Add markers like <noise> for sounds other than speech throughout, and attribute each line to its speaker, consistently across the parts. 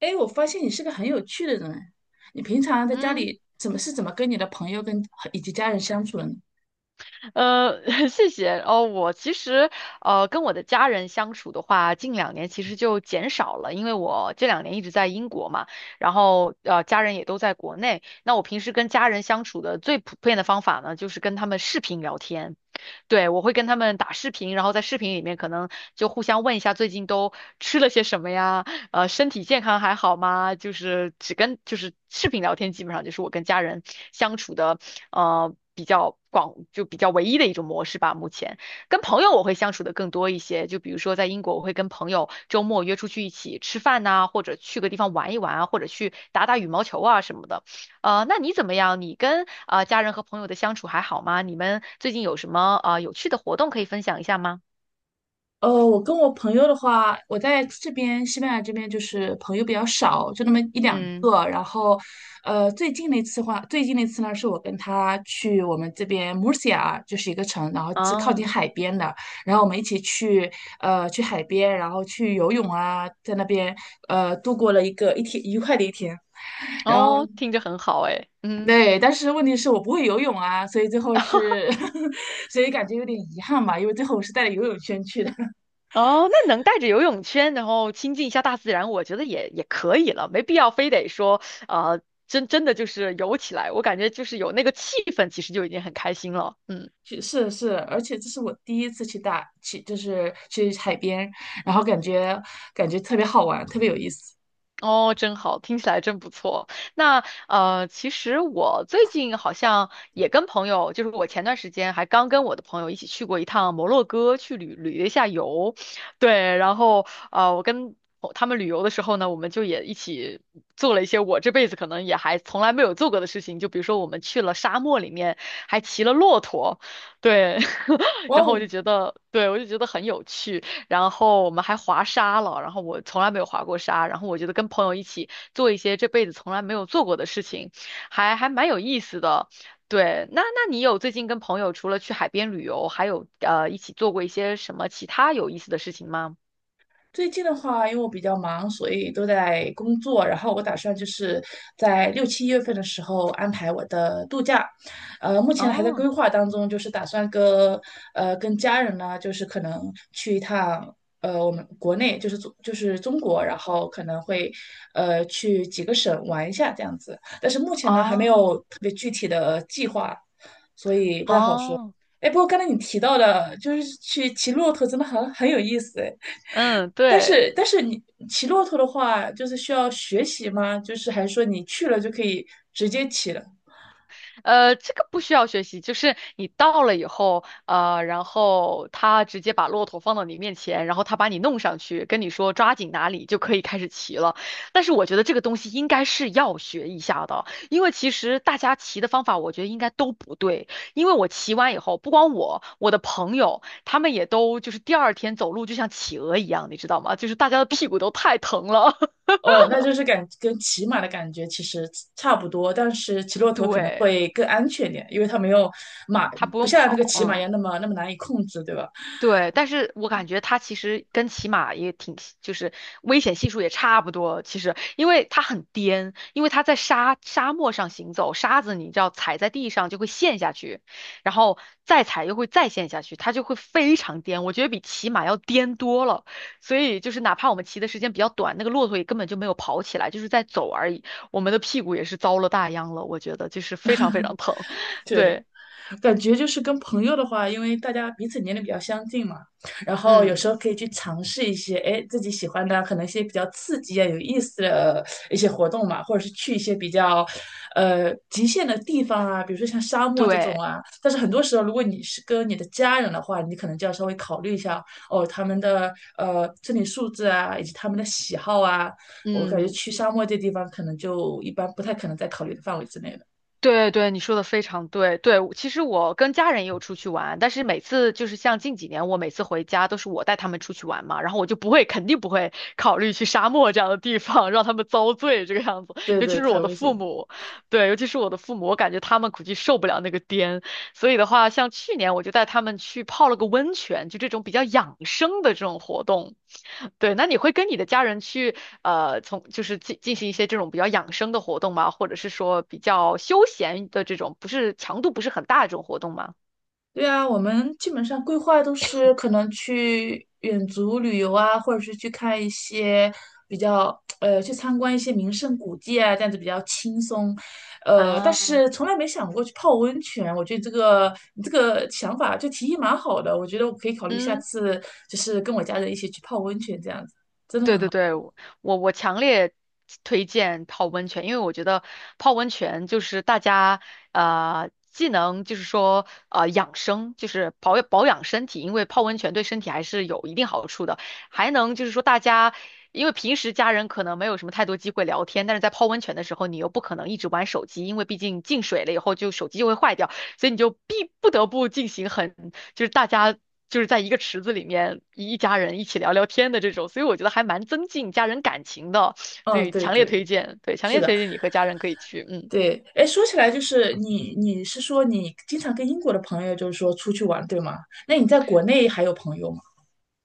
Speaker 1: 哎，我发现你是个很有趣的人。你平常在家
Speaker 2: 嗯，
Speaker 1: 里怎么跟你的朋友以及家人相处的呢？
Speaker 2: 呃，<laughs> 谢谢。哦，我其实跟我的家人相处的话，近两年其实就减少了，因为我这两年一直在英国嘛，然后家人也都在国内。那我平时跟家人相处的最普遍的方法呢，就是跟他们视频聊天。对，我会跟他们打视频，然后在视频里面可能就互相问一下最近都吃了些什么呀，身体健康还好吗？就是只跟就是视频聊天，基本上就是我跟家人相处的比较广，就比较唯一的一种模式吧。目前跟朋友我会相处的更多一些，就比如说在英国，我会跟朋友周末约出去一起吃饭呐、或者去个地方玩一玩啊，或者去打打羽毛球啊什么的。那你怎么样？你跟家人和朋友的相处还好吗？你们最近有什么有趣的活动可以分享一下吗？
Speaker 1: 我跟我朋友的话，我在这边西班牙这边就是朋友比较少，就那么一两
Speaker 2: 嗯，
Speaker 1: 个。最近那次呢，是我跟他去我们这边 Murcia，就是一个城，然后是靠近
Speaker 2: 啊，
Speaker 1: 海边的。然后我们一起去，去海边，然后去游泳啊，在那边度过了一个一天愉快的一天。然后。
Speaker 2: 哦，听着很好诶。嗯，
Speaker 1: 对，但是问题是我不会游泳啊，所以最后是，<laughs> 所以感觉有点遗憾吧，因为最后我是带着游泳圈去的。<laughs>
Speaker 2: 哦，那能带着游泳圈，然后亲近一下大自然，我觉得也可以了，没必要非得说，呃，真的就是游起来，我感觉就是有那个气氛，其实就已经很开心了。嗯。
Speaker 1: 去是是，而且这是我第一次去大去，就是去海边，然后感觉特别好玩，特别有意思。
Speaker 2: 哦，真好，听起来真不错。那其实我最近好像也跟朋友，就是我前段时间还刚跟我的朋友一起去过一趟摩洛哥，去旅了一下游。对，然后我跟他们旅游的时候呢，我们就也一起做了一些我这辈子可能也还从来没有做过的事情，就比如说我们去了沙漠里面，还骑了骆驼，对，<laughs>
Speaker 1: 哇
Speaker 2: 然后我就
Speaker 1: 哦，
Speaker 2: 觉得，对，我就觉得很有趣。然后我们还滑沙了，然后我从来没有滑过沙，然后我觉得跟朋友一起做一些这辈子从来没有做过的事情，还蛮有意思的。对，那那你有最近跟朋友除了去海边旅游，还有一起做过一些什么其他有意思的事情吗？
Speaker 1: 最近的话，因为我比较忙，所以都在工作。然后我打算就是在六七月份的时候安排我的度假，目前还在规
Speaker 2: 哦
Speaker 1: 划当中，就是打算跟跟家人呢，就是可能去一趟我们国内，就是中国，然后可能会去几个省玩一下这样子。但是目前呢，还没
Speaker 2: 哦
Speaker 1: 有特别具体的计划。
Speaker 2: 哦，
Speaker 1: 哎，不过刚才你提到的，就是去骑骆驼，真的很有意思哎。
Speaker 2: 嗯，
Speaker 1: 但
Speaker 2: 对。
Speaker 1: 是但是你骑骆驼的话，就是需要学习吗？就是还是说你去了就可以直接骑了？
Speaker 2: 这个不需要学习，就是你到了以后，然后他直接把骆驼放到你面前，然后他把你弄上去，跟你说抓紧哪里就可以开始骑了。但是我觉得这个东西应该是要学一下的，因为其实大家骑的方法，我觉得应该都不对。因为我骑完以后，不光我，我的朋友他们也都就是第二天走路就像企鹅一样，你知道吗？就是大家的屁股都太疼了。<laughs>
Speaker 1: 哦，那就是跟骑马的感觉其实差不多，但是骑骆驼可能
Speaker 2: 对，
Speaker 1: 会更安全一点，因为它没有马，
Speaker 2: 他不
Speaker 1: 不
Speaker 2: 用
Speaker 1: 像那
Speaker 2: 跑，
Speaker 1: 个骑马一
Speaker 2: 嗯。
Speaker 1: 样那么难以控制，对吧？
Speaker 2: 对，但是我感觉它其实跟骑马也挺，就是危险系数也差不多。其实，因为它很颠，因为它在沙漠上行走，沙子你知道踩在地上就会陷下去，然后再踩又会再陷下去，它就会非常颠。我觉得比骑马要颠多了。所以就是哪怕我们骑的时间比较短，那个骆驼也根本就没有跑起来，就是在走而已。我们的屁股也是遭了大殃了，我觉得就是非常非常疼。<laughs>
Speaker 1: 对，
Speaker 2: 对，
Speaker 1: 感觉就是跟朋友的话，因为大家彼此年龄比较相近嘛，然后有
Speaker 2: 嗯，
Speaker 1: 时候可以去尝试一些，哎，自己喜欢的，可能一些比较刺激啊、有意思的一些活动嘛，或者是去一些比较，极限的地方啊，比如说像沙漠这种
Speaker 2: 对，
Speaker 1: 啊。但是很多时候，如果你是跟你的家人的话，你可能就要稍微考虑一下哦，他们的身体素质啊，以及他们的喜好啊。我感觉
Speaker 2: 嗯。
Speaker 1: 去沙漠这地方可能就一般不太可能在考虑的范围之内了。
Speaker 2: 对对，你说的非常对。对，其实我跟家人也有出去玩，但是每次就是像近几年，我每次回家都是我带他们出去玩嘛，然后我就不会，肯定不会考虑去沙漠这样的地方让他们遭罪这个样子。
Speaker 1: 对
Speaker 2: 尤其
Speaker 1: 对，
Speaker 2: 是我
Speaker 1: 太
Speaker 2: 的
Speaker 1: 危险
Speaker 2: 父
Speaker 1: 了。
Speaker 2: 母，对，尤其是我的父母，我感觉他们估计受不了那个颠，所以的话，像去年我就带他们去泡了个温泉，就这种比较养生的这种活动。对，那你会跟你的家人去从就是进行一些这种比较养生的活动吗？或者是说比较休闲的这种，不是强度不是很大的这种活动吗？
Speaker 1: 对啊，我们基本上规划都是可能去远足旅游啊，或者是去看一些去参观一些名胜古迹啊，这样子比较轻松。呃，但
Speaker 2: 啊，
Speaker 1: 是从来没想过去泡温泉，我觉得你这个想法就提议蛮好的，我觉得我可以考虑下
Speaker 2: 嗯。
Speaker 1: 次就是跟我家人一起去泡温泉这样子。
Speaker 2: 对对对，我强烈推荐泡温泉，因为我觉得泡温泉就是大家既能就是说养生，就是保养身体，因为泡温泉对身体还是有一定好处的，还能就是说大家因为平时家人可能没有什么太多机会聊天，但是在泡温泉的时候，你又不可能一直玩手机，因为毕竟进水了以后就手机就会坏掉，所以你就不得不进行很就是大家就是在一个池子里面一家人一起聊聊天的这种，所以我觉得还蛮增进家人感情的，所
Speaker 1: 嗯，
Speaker 2: 以
Speaker 1: 对
Speaker 2: 强烈
Speaker 1: 对，
Speaker 2: 推荐，对，强
Speaker 1: 是
Speaker 2: 烈
Speaker 1: 的，
Speaker 2: 推荐你和家人可以去，嗯。
Speaker 1: 对。哎，说起来你是说你经常跟英国的朋友就是说出去玩，对吗？那你在国内还有朋友吗？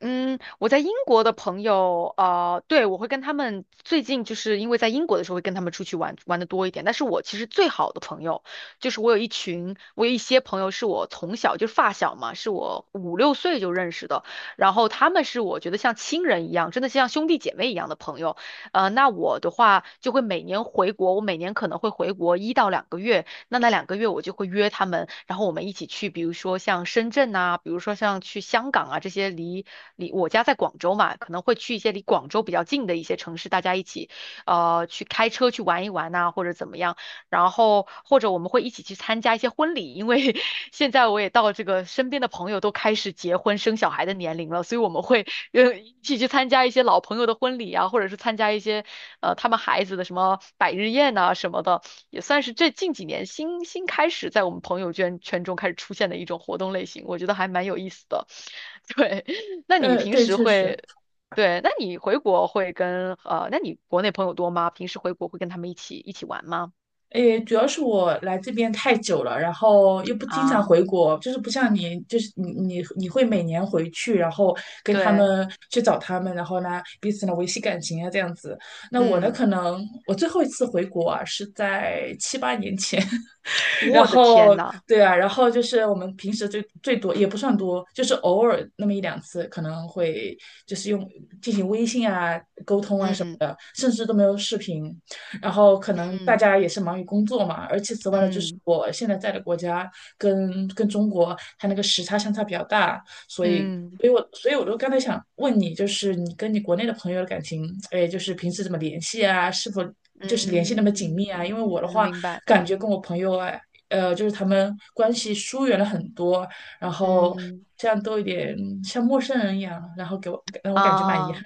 Speaker 2: 嗯，我在英国的朋友，对，我会跟他们最近就是因为在英国的时候会跟他们出去玩玩的多一点。但是我其实最好的朋友，就是我有一群，我有一些朋友是我从小就是发小嘛，是我五六岁就认识的，然后他们是我觉得像亲人一样，真的像兄弟姐妹一样的朋友。那我的话就会每年回国，我每年可能会回国一到两个月，那那两个月我就会约他们，然后我们一起去，比如说像深圳呐、比如说像去香港啊这些离我家在广州嘛，可能会去一些离广州比较近的一些城市，大家一起去开车去玩一玩呐、或者怎么样。然后或者我们会一起去参加一些婚礼，因为 <laughs> 现在我也到这个身边的朋友都开始结婚生小孩的年龄了，所以我们会一起去参加一些老朋友的婚礼啊，或者是参加一些他们孩子的什么百日宴呐、什么的。也算是这近几年新开始在我们朋友圈中开始出现的一种活动类型，我觉得还蛮有意思的。<laughs> 对，那你
Speaker 1: 呃，
Speaker 2: 平
Speaker 1: 对，
Speaker 2: 时
Speaker 1: 确实，
Speaker 2: 会，对，那你回国会跟那你国内朋友多吗？平时回国会跟他们一起玩吗？
Speaker 1: 诶，主要是我来这边太久了，然后又不经常
Speaker 2: 啊，
Speaker 1: 回国，就是不像你，就是你会每年回去，然后跟他
Speaker 2: 对，
Speaker 1: 们找他们，然后呢彼此呢维系感情啊这样子。那我呢，
Speaker 2: 嗯，
Speaker 1: 可能我最后一次回国啊是在七八年前，<laughs> 然
Speaker 2: 我的
Speaker 1: 后
Speaker 2: 天呐，
Speaker 1: 对啊，然后就是我们平时最多也不算多，就是偶尔那么一两次，可能会就是用进行微信啊沟通啊。
Speaker 2: 嗯
Speaker 1: 甚至都没有视频。然后可能大
Speaker 2: 嗯
Speaker 1: 家也是忙于工作嘛，而且此外呢，就是
Speaker 2: 嗯
Speaker 1: 我现在在的国家跟中国它那个时差相差比较大，所以。
Speaker 2: 嗯
Speaker 1: 所以我就刚才想问你，就是你跟你国内的朋友的感情，哎，就是平时怎么联系啊？是否就是联系那么
Speaker 2: 嗯，
Speaker 1: 紧密啊？因为我的
Speaker 2: 嗯
Speaker 1: 话，
Speaker 2: 明白，
Speaker 1: 感觉跟我朋友啊，就是他们关系疏远了很多，然后
Speaker 2: 嗯
Speaker 1: 这样都有点像陌生人一样，然后让我感觉蛮遗憾。
Speaker 2: 啊。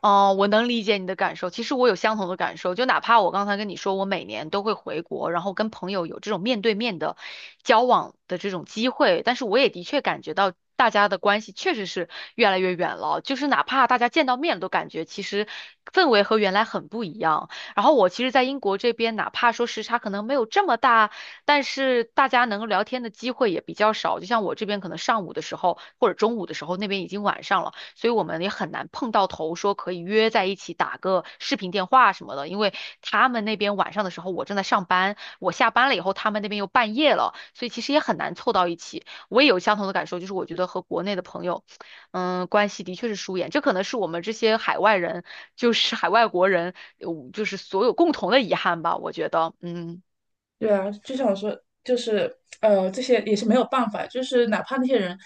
Speaker 2: 哦，我能理解你的感受。其实我有相同的感受，就哪怕我刚才跟你说，我每年都会回国，然后跟朋友有这种面对面的交往的这种机会，但是我也的确感觉到大家的关系确实是越来越远了。就是哪怕大家见到面了都感觉其实氛围和原来很不一样。然后我其实，在英国这边，哪怕说时差可能没有这么大，但是大家能够聊天的机会也比较少。就像我这边可能上午的时候或者中午的时候，那边已经晚上了。所以我们也很难碰到头，说可以约在一起打个视频电话什么的。因为他们那边晚上的时候我正在上班，我下班了以后他们那边又半夜了，所以其实也很难凑到一起。我也有相同的感受，就是我觉得和国内的朋友，嗯，关系的确是疏远。这可能是我们这些海外人，就是海外国人，就是所有共同的遗憾吧。我觉得，嗯
Speaker 1: 对啊，就像我说，就是呃，这些也是没有办法，就是哪怕那些人，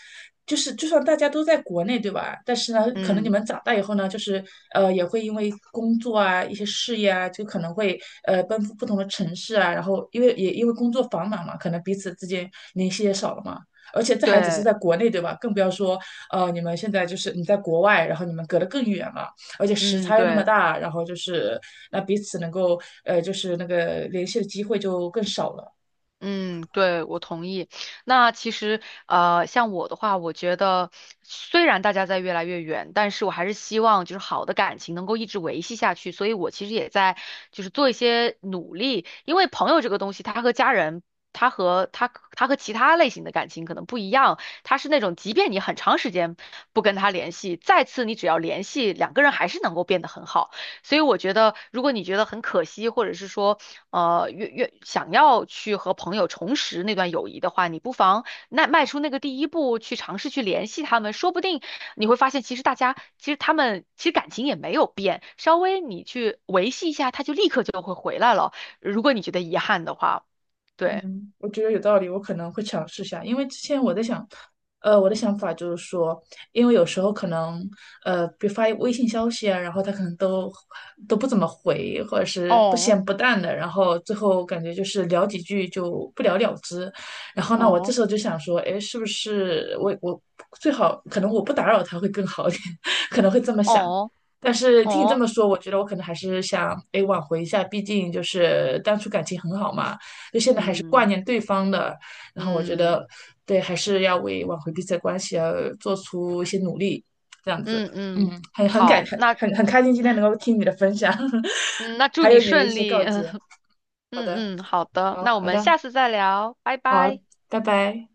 Speaker 1: 就是就算大家都在国内，对吧？但是呢，可能你
Speaker 2: 嗯，
Speaker 1: 们长大以后呢，就是也会因为工作啊、一些事业啊，就可能会奔赴不同的城市啊，然后因为因为工作繁忙嘛，可能彼此之间联系也少了嘛。而且这还只是
Speaker 2: 对，
Speaker 1: 在国内，对吧？更不要说你们现在就是你在国外，然后你们隔得更远了。而且时
Speaker 2: 嗯
Speaker 1: 差又那么
Speaker 2: 对。
Speaker 1: 大，然后就是那彼此能够就是那个联系的机会就更少了。
Speaker 2: 嗯，对，我同意。那其实，像我的话，我觉得虽然大家在越来越远，但是我还是希望就是好的感情能够一直维系下去。所以我其实也在就是做一些努力，因为朋友这个东西，他和家人，他和他他和其他类型的感情可能不一样，他是那种即便你很长时间不跟他联系，再次你只要联系，两个人还是能够变得很好。所以我觉得，如果你觉得很可惜，或者是说越想要去和朋友重拾那段友谊的话，你不妨那迈出那个第一步，去尝试去联系他们，说不定你会发现，其实大家其实他们其实感情也没有变，稍微你去维系一下，他就立刻就会回来了。如果你觉得遗憾的话，对，
Speaker 1: 嗯，我觉得有道理，我可能会尝试一下，因为之前我在想，呃，我的想法就是说，因为有时候可能，呃，比如发微信消息啊，然后他可能都不怎么回，或者是不
Speaker 2: 哦
Speaker 1: 咸不淡的，然后最后感觉就是聊几句就不了了之。然后呢，我这
Speaker 2: 哦，
Speaker 1: 时候就想说，哎，是不是我最好可能我不打扰他会更好一点，<laughs> 可能会这么想。
Speaker 2: 哦
Speaker 1: 但是听你这
Speaker 2: 哦，
Speaker 1: 么说，我觉得我可能还是想，哎，挽回一下，毕竟就是当初感情很好嘛。就现在还是挂
Speaker 2: 嗯
Speaker 1: 念对方的。然后我觉
Speaker 2: 嗯
Speaker 1: 得，对，还是要为挽回彼此的关系而做出一些努力，这样子。
Speaker 2: 嗯
Speaker 1: 嗯，
Speaker 2: 嗯，
Speaker 1: 很很感
Speaker 2: 好，
Speaker 1: 很
Speaker 2: 那
Speaker 1: 很很开心今天能够听你的分享，<laughs>
Speaker 2: 祝
Speaker 1: 还有
Speaker 2: 你
Speaker 1: 你的一
Speaker 2: 顺
Speaker 1: 些
Speaker 2: 利，
Speaker 1: 告
Speaker 2: <laughs> 嗯
Speaker 1: 诫。好
Speaker 2: 嗯
Speaker 1: 的，
Speaker 2: 嗯，好的，
Speaker 1: 好
Speaker 2: 那我
Speaker 1: 好
Speaker 2: 们
Speaker 1: 的，
Speaker 2: 下次再聊，拜
Speaker 1: 好，
Speaker 2: 拜。
Speaker 1: 拜拜。